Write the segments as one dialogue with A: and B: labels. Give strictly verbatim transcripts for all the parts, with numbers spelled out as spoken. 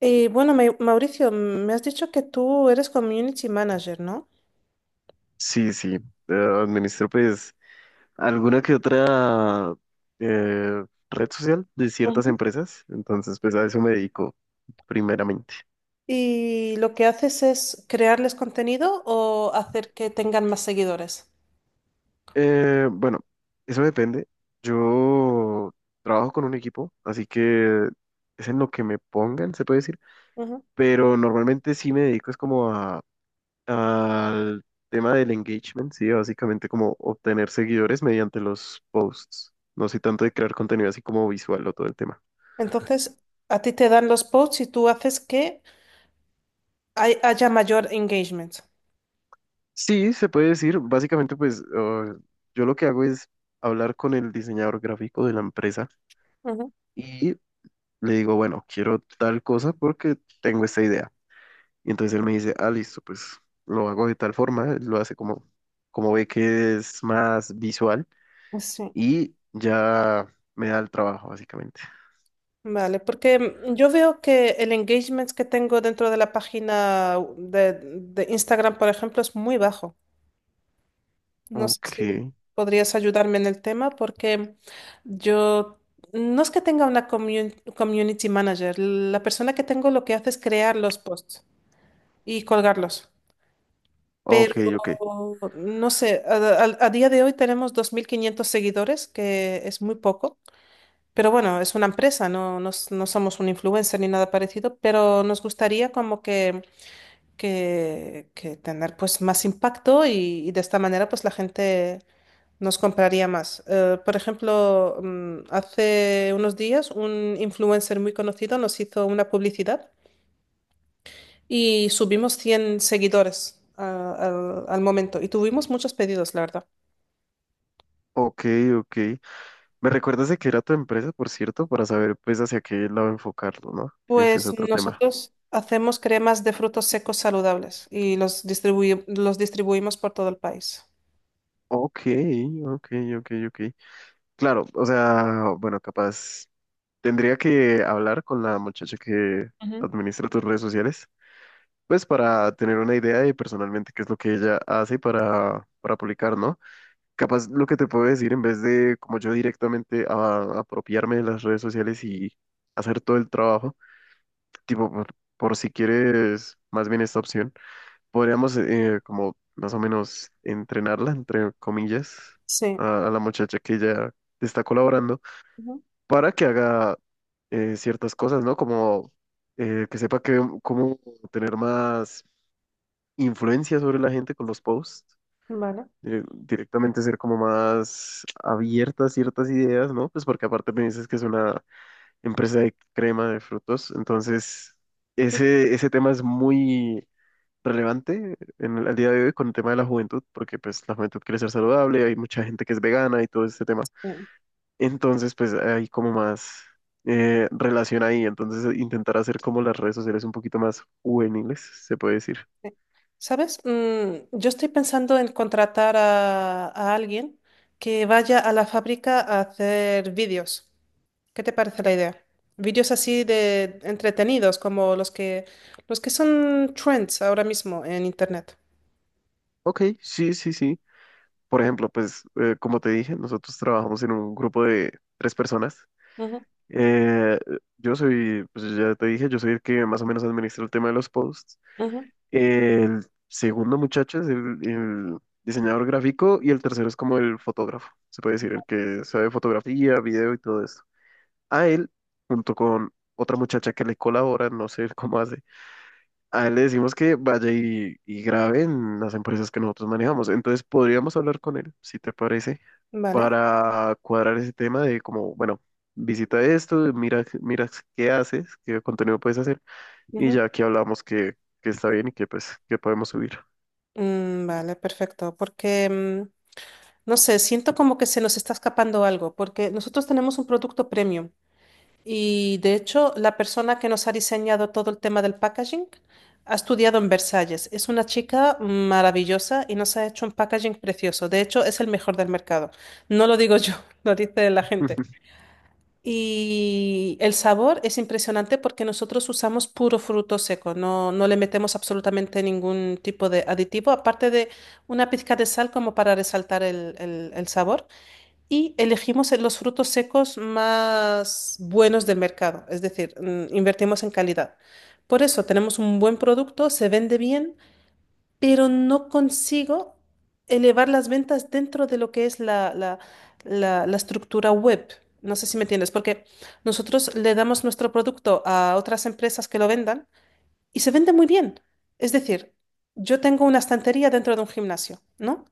A: Y bueno, Mau- Mauricio, me has dicho que tú eres community manager, ¿no?
B: Sí, sí, eh, administro pues alguna que otra eh, red social de ciertas
A: Ujú.
B: empresas, entonces pues a eso me dedico primeramente.
A: Y lo que haces es crearles contenido o hacer que tengan más seguidores.
B: Eh, bueno, eso depende. Yo trabajo con un equipo, así que es en lo que me pongan, se puede decir,
A: Ujú.
B: pero normalmente sí me dedico es como a, al tema del engagement, sí, básicamente como obtener seguidores mediante los posts, no soy tanto de crear contenido así como visual o todo el tema.
A: Entonces, a ti te dan los posts y tú haces que hay- haya mayor engagement.
B: Sí, se puede decir. Básicamente, pues uh, yo lo que hago es hablar con el diseñador gráfico de la empresa
A: Ujú.
B: y le digo, bueno, quiero tal cosa porque tengo esta idea. Y entonces él me dice, ah, listo, pues lo hago de tal forma, él lo hace como, como ve que es más visual
A: Sí,
B: y ya me da el trabajo, básicamente.
A: vale, porque mm, yo veo que el engagement que tengo dentro de la página de, de Instagram, por ejemplo, es muy bajo. No sé
B: Ok,
A: si podrías ayudarme en el tema porque yo no es que tenga una commun- community manager. La persona que tengo lo que hace es crear los posts y colgarlos.
B: ok,
A: Pero
B: ok,
A: no sé, a, a- a día de hoy tenemos dos mil quinientos seguidores, que es muy poco. Pero bueno, es una empresa, no, no, s- no somos un influencer ni nada parecido, pero nos gustaría como que que, que tener pues más impacto y, y de esta manera pues la gente nos compraría más. Eh, por ejemplo, mm, hace unos días un influencer muy conocido nos hizo una publicidad y subimos cien seguidores a- al al momento y tuvimos muchos pedidos, la verdad.
B: ok, ok. ¿Me recuerdas de qué era tu empresa, por cierto, para saber pues hacia qué lado enfocarlo, ¿no? Que ese es
A: Pues
B: otro tema.
A: nosotros hacemos cremas de frutos secos saludables y los distribuí- los distribuimos por todo el país.
B: Ok, ok, ok, ok. Claro, o sea, bueno, capaz tendría que hablar con la muchacha que
A: Ujú.
B: administra tus redes sociales, pues para tener una idea de personalmente qué es lo que ella hace para, para publicar, ¿no? Capaz lo que te puedo decir, en vez de como yo directamente a- apropiarme de las redes sociales y hacer todo el trabajo, tipo, por, por si quieres más bien esta opción podríamos eh, como más o menos entrenarla, entre comillas,
A: Sí.
B: a, a la muchacha que ya está colaborando
A: Ujú.
B: para que haga eh, ciertas cosas, ¿no? Como eh, que sepa que, cómo tener más influencia sobre la gente con los posts.
A: Vale.
B: Eh, directamente ser como más abierta a ciertas ideas, ¿no? Pues porque aparte me dices que es una empresa de crema de frutos, entonces ese, ese tema es muy relevante en el, al día de hoy con el tema de la juventud, porque pues la juventud quiere ser saludable, hay mucha gente que es vegana y todo este tema.
A: Sí.
B: Entonces, pues hay como más eh, relación ahí, entonces eh, intentar hacer como las redes sociales un poquito más juveniles, se puede decir.
A: ¿Sabes? Mm, yo estoy pensando en contratar a, a alguien que vaya a la fábrica a hacer vídeos. ¿Qué te parece la idea? Vídeos así de entretenidos, como los que, los que son trends ahora mismo en internet.
B: Ok, sí, sí, sí. Por ejemplo, pues eh, como te dije, nosotros trabajamos en un grupo de tres personas.
A: Ujú,
B: Eh, yo soy, pues ya te dije, yo soy el que más o menos administra el tema de los posts.
A: ujú,
B: El segundo muchacho es el, el diseñador gráfico y el tercero es como el fotógrafo, se puede decir, el que sabe fotografía, video y todo esto. A él, junto con otra muchacha que le colabora, no sé cómo hace, a él le decimos que vaya y, y grabe en las empresas que nosotros manejamos. Entonces podríamos hablar con él, si te parece,
A: Vale.
B: para cuadrar ese tema de como, bueno, visita esto, mira, mira qué haces, qué contenido puedes hacer, y
A: ujú.
B: ya aquí hablamos que, que está bien y que pues que podemos subir.
A: Mm, vale, perfecto. Porque, mm, no sé, siento como que se nos está escapando algo, porque nosotros tenemos un producto premium. Y de hecho, la persona que nos ha diseñado todo el tema del packaging ha estudiado en Versalles. Es una chica maravillosa y nos ha hecho un packaging precioso. De hecho, es el mejor del mercado. No lo digo yo, lo dice la gente. Y el sabor es impresionante porque nosotros usamos puro fruto seco, no, no le metemos absolutamente ningún tipo de aditivo, aparte de una pizca de sal como para resaltar el el- el sabor y elegimos los frutos secos más buenos del mercado, es decir, mm, invertimos en calidad. Por eso tenemos un buen producto, se vende bien, pero no consigo elevar las ventas dentro de lo que es la, la- la- la estructura web. No sé si me entiendes, porque nosotros le damos nuestro producto a otras empresas que lo vendan y se vende muy bien. Es decir, yo tengo una estantería dentro de un gimnasio, ¿no?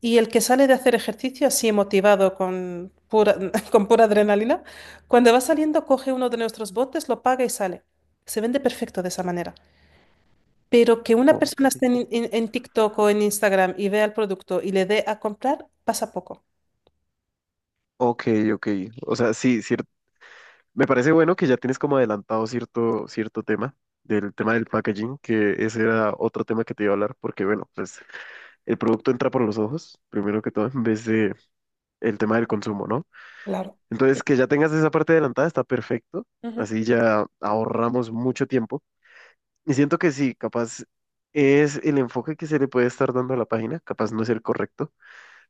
A: Y el que sale de hacer ejercicio así motivado con pura, con pura adrenalina, cuando va saliendo coge uno de nuestros botes, lo paga y sale. Se vende perfecto de esa manera. Pero que una persona
B: Ok,
A: esté en, en- en TikTok o en Instagram y vea el producto y le dé a comprar, pasa poco.
B: ok, ok. O sea, sí, cier- me parece bueno que ya tienes como adelantado cierto, cierto tema, del tema del packaging, que ese era otro tema que te iba a hablar, porque bueno, pues el producto entra por los ojos, primero que todo, en vez de, el tema del consumo, ¿no?
A: Claro.
B: Entonces, que ya tengas esa parte adelantada está perfecto.
A: Ujú,
B: Así ya ahorramos mucho tiempo. Y siento que sí, capaz es el enfoque que se le puede estar dando a la página, capaz no es el correcto,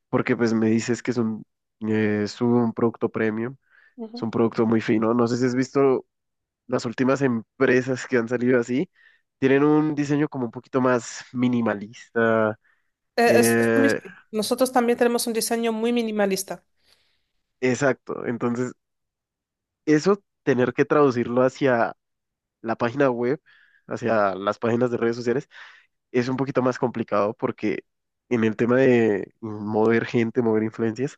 B: porque pues me dices que es un, eh, es un producto premium, es
A: ujú.
B: un producto muy fino. No sé si has visto las últimas empresas que han salido así, tienen un diseño como un poquito más minimalista.
A: Eh, es- es lo
B: eh,
A: mismo. Nosotros también tenemos un diseño muy minimalista.
B: exacto, entonces eso tener que traducirlo hacia la página web hacia las páginas de redes sociales es un poquito más complicado porque en el tema de mover gente, mover influencias,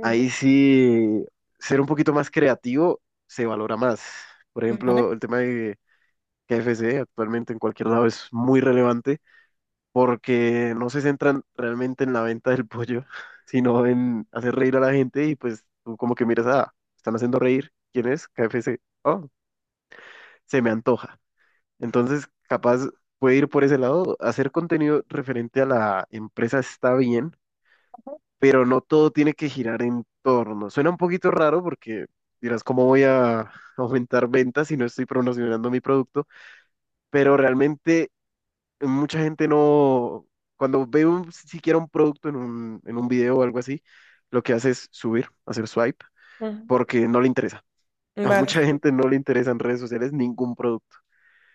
B: ahí sí ser un poquito más creativo se valora más. Por
A: Ujú, ¿vale?
B: ejemplo, el tema de K F C actualmente en cualquier lado es muy relevante porque no se centran realmente en la venta del pollo, sino en hacer reír a la gente y pues tú como que miras, ah, están haciendo reír. ¿Quién es? K F C. Oh, se me antoja. Entonces, capaz puede ir por ese lado. Hacer contenido referente a la empresa está bien, pero no todo tiene que girar en torno. Suena un poquito raro porque dirás, ¿cómo voy a aumentar ventas si no estoy promocionando mi producto? Pero realmente mucha gente no, cuando ve un, siquiera un producto en un, en un video o algo así, lo que hace es subir, hacer swipe,
A: Ujú,
B: porque no le interesa. A
A: vale,
B: mucha gente no le interesa en redes sociales ningún producto.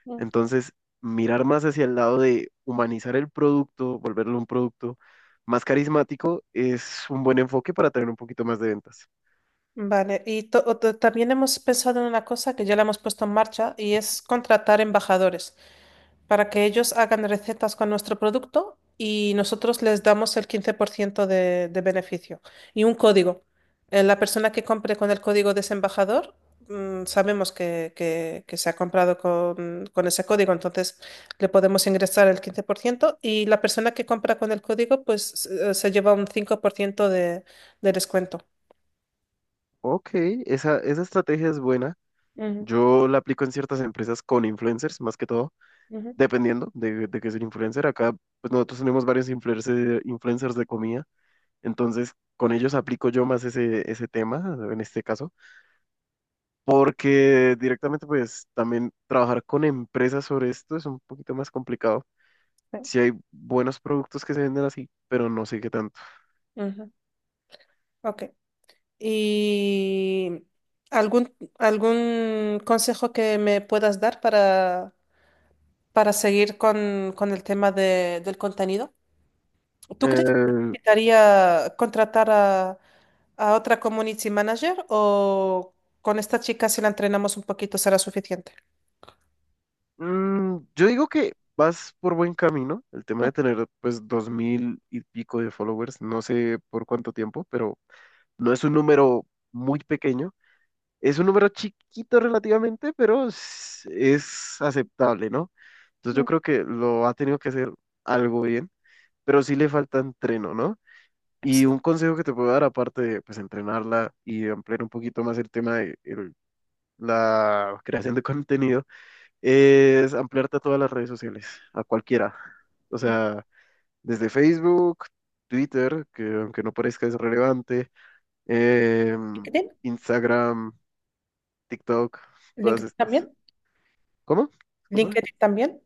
A: sí.
B: Entonces, mirar más hacia el lado de humanizar el producto, volverlo un producto más carismático, es un buen enfoque para tener un poquito más de ventas.
A: Vale, y to- o- to- también hemos pensado en una cosa que ya la hemos puesto en marcha y es contratar embajadores para que ellos hagan recetas con nuestro producto y nosotros les damos el quince por ciento de, de beneficio y un código. Eh, la persona que compre con el código de ese embajador, mm, sabemos que, que- que se ha comprado con, con ese código, entonces le podemos ingresar el quince por ciento y la persona que compra con el código pues eh, se lleva un cinco por ciento de, de descuento.
B: Ok, esa, esa estrategia es buena.
A: Ujú,
B: Yo la aplico en ciertas empresas con influencers, más que todo,
A: ujú.
B: dependiendo de, de qué es el influencer. Acá, pues nosotros tenemos varios influencer- influencers de comida, entonces con ellos aplico yo más ese, ese tema, en este caso, porque directamente, pues también trabajar con empresas sobre esto es un poquito más complicado. Sí hay buenos productos que se venden así, pero no sé qué tanto.
A: Ujú, ok. ¿Y algún, algún consejo que me puedas dar para, para seguir con, con el tema de- del contenido? ¿Tú crees que
B: Eh,
A: necesitaría contratar a, a otra community manager o con esta chica si la entrenamos un poquito será suficiente?
B: mm, yo digo que vas por buen camino. El tema de tener pues dos mil y pico de followers, no sé por cuánto tiempo, pero no es un número muy pequeño. Es un número chiquito relativamente, pero es, es aceptable, ¿no? Entonces yo
A: Ujú.
B: creo que lo ha tenido que hacer algo bien, pero sí le falta entreno, ¿no?
A: Sí.
B: Y un consejo que te puedo dar, aparte de pues, entrenarla y ampliar un poquito más el tema del la creación de contenido, es ampliarte a todas las redes sociales, a cualquiera. O sea, desde Facebook, Twitter, que aunque no parezca es relevante, em,
A: ¿LinkedIn?
B: Instagram, TikTok, todas
A: ¿LinkedIn
B: estas.
A: también?
B: ¿Cómo? Discúlpame.
A: ¿LinkedIn también?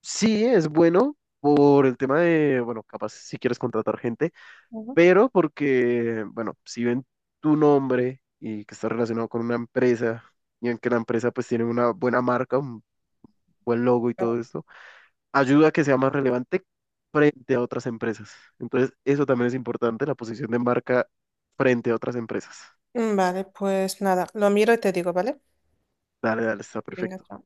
B: Sí, es bueno por el tema de, bueno, capaz si quieres contratar gente,
A: Ujú.
B: pero porque, bueno, si ven tu nombre y que está relacionado con una empresa y en que la empresa pues tiene una buena marca, un buen logo y todo esto, ayuda a que sea más relevante frente a otras empresas. Entonces, eso también es importante, la posición de marca frente a otras empresas.
A: Vale, pues nada, lo miro y te digo, ¿vale?
B: Dale, dale, está
A: Venga,
B: perfecto.
A: chao.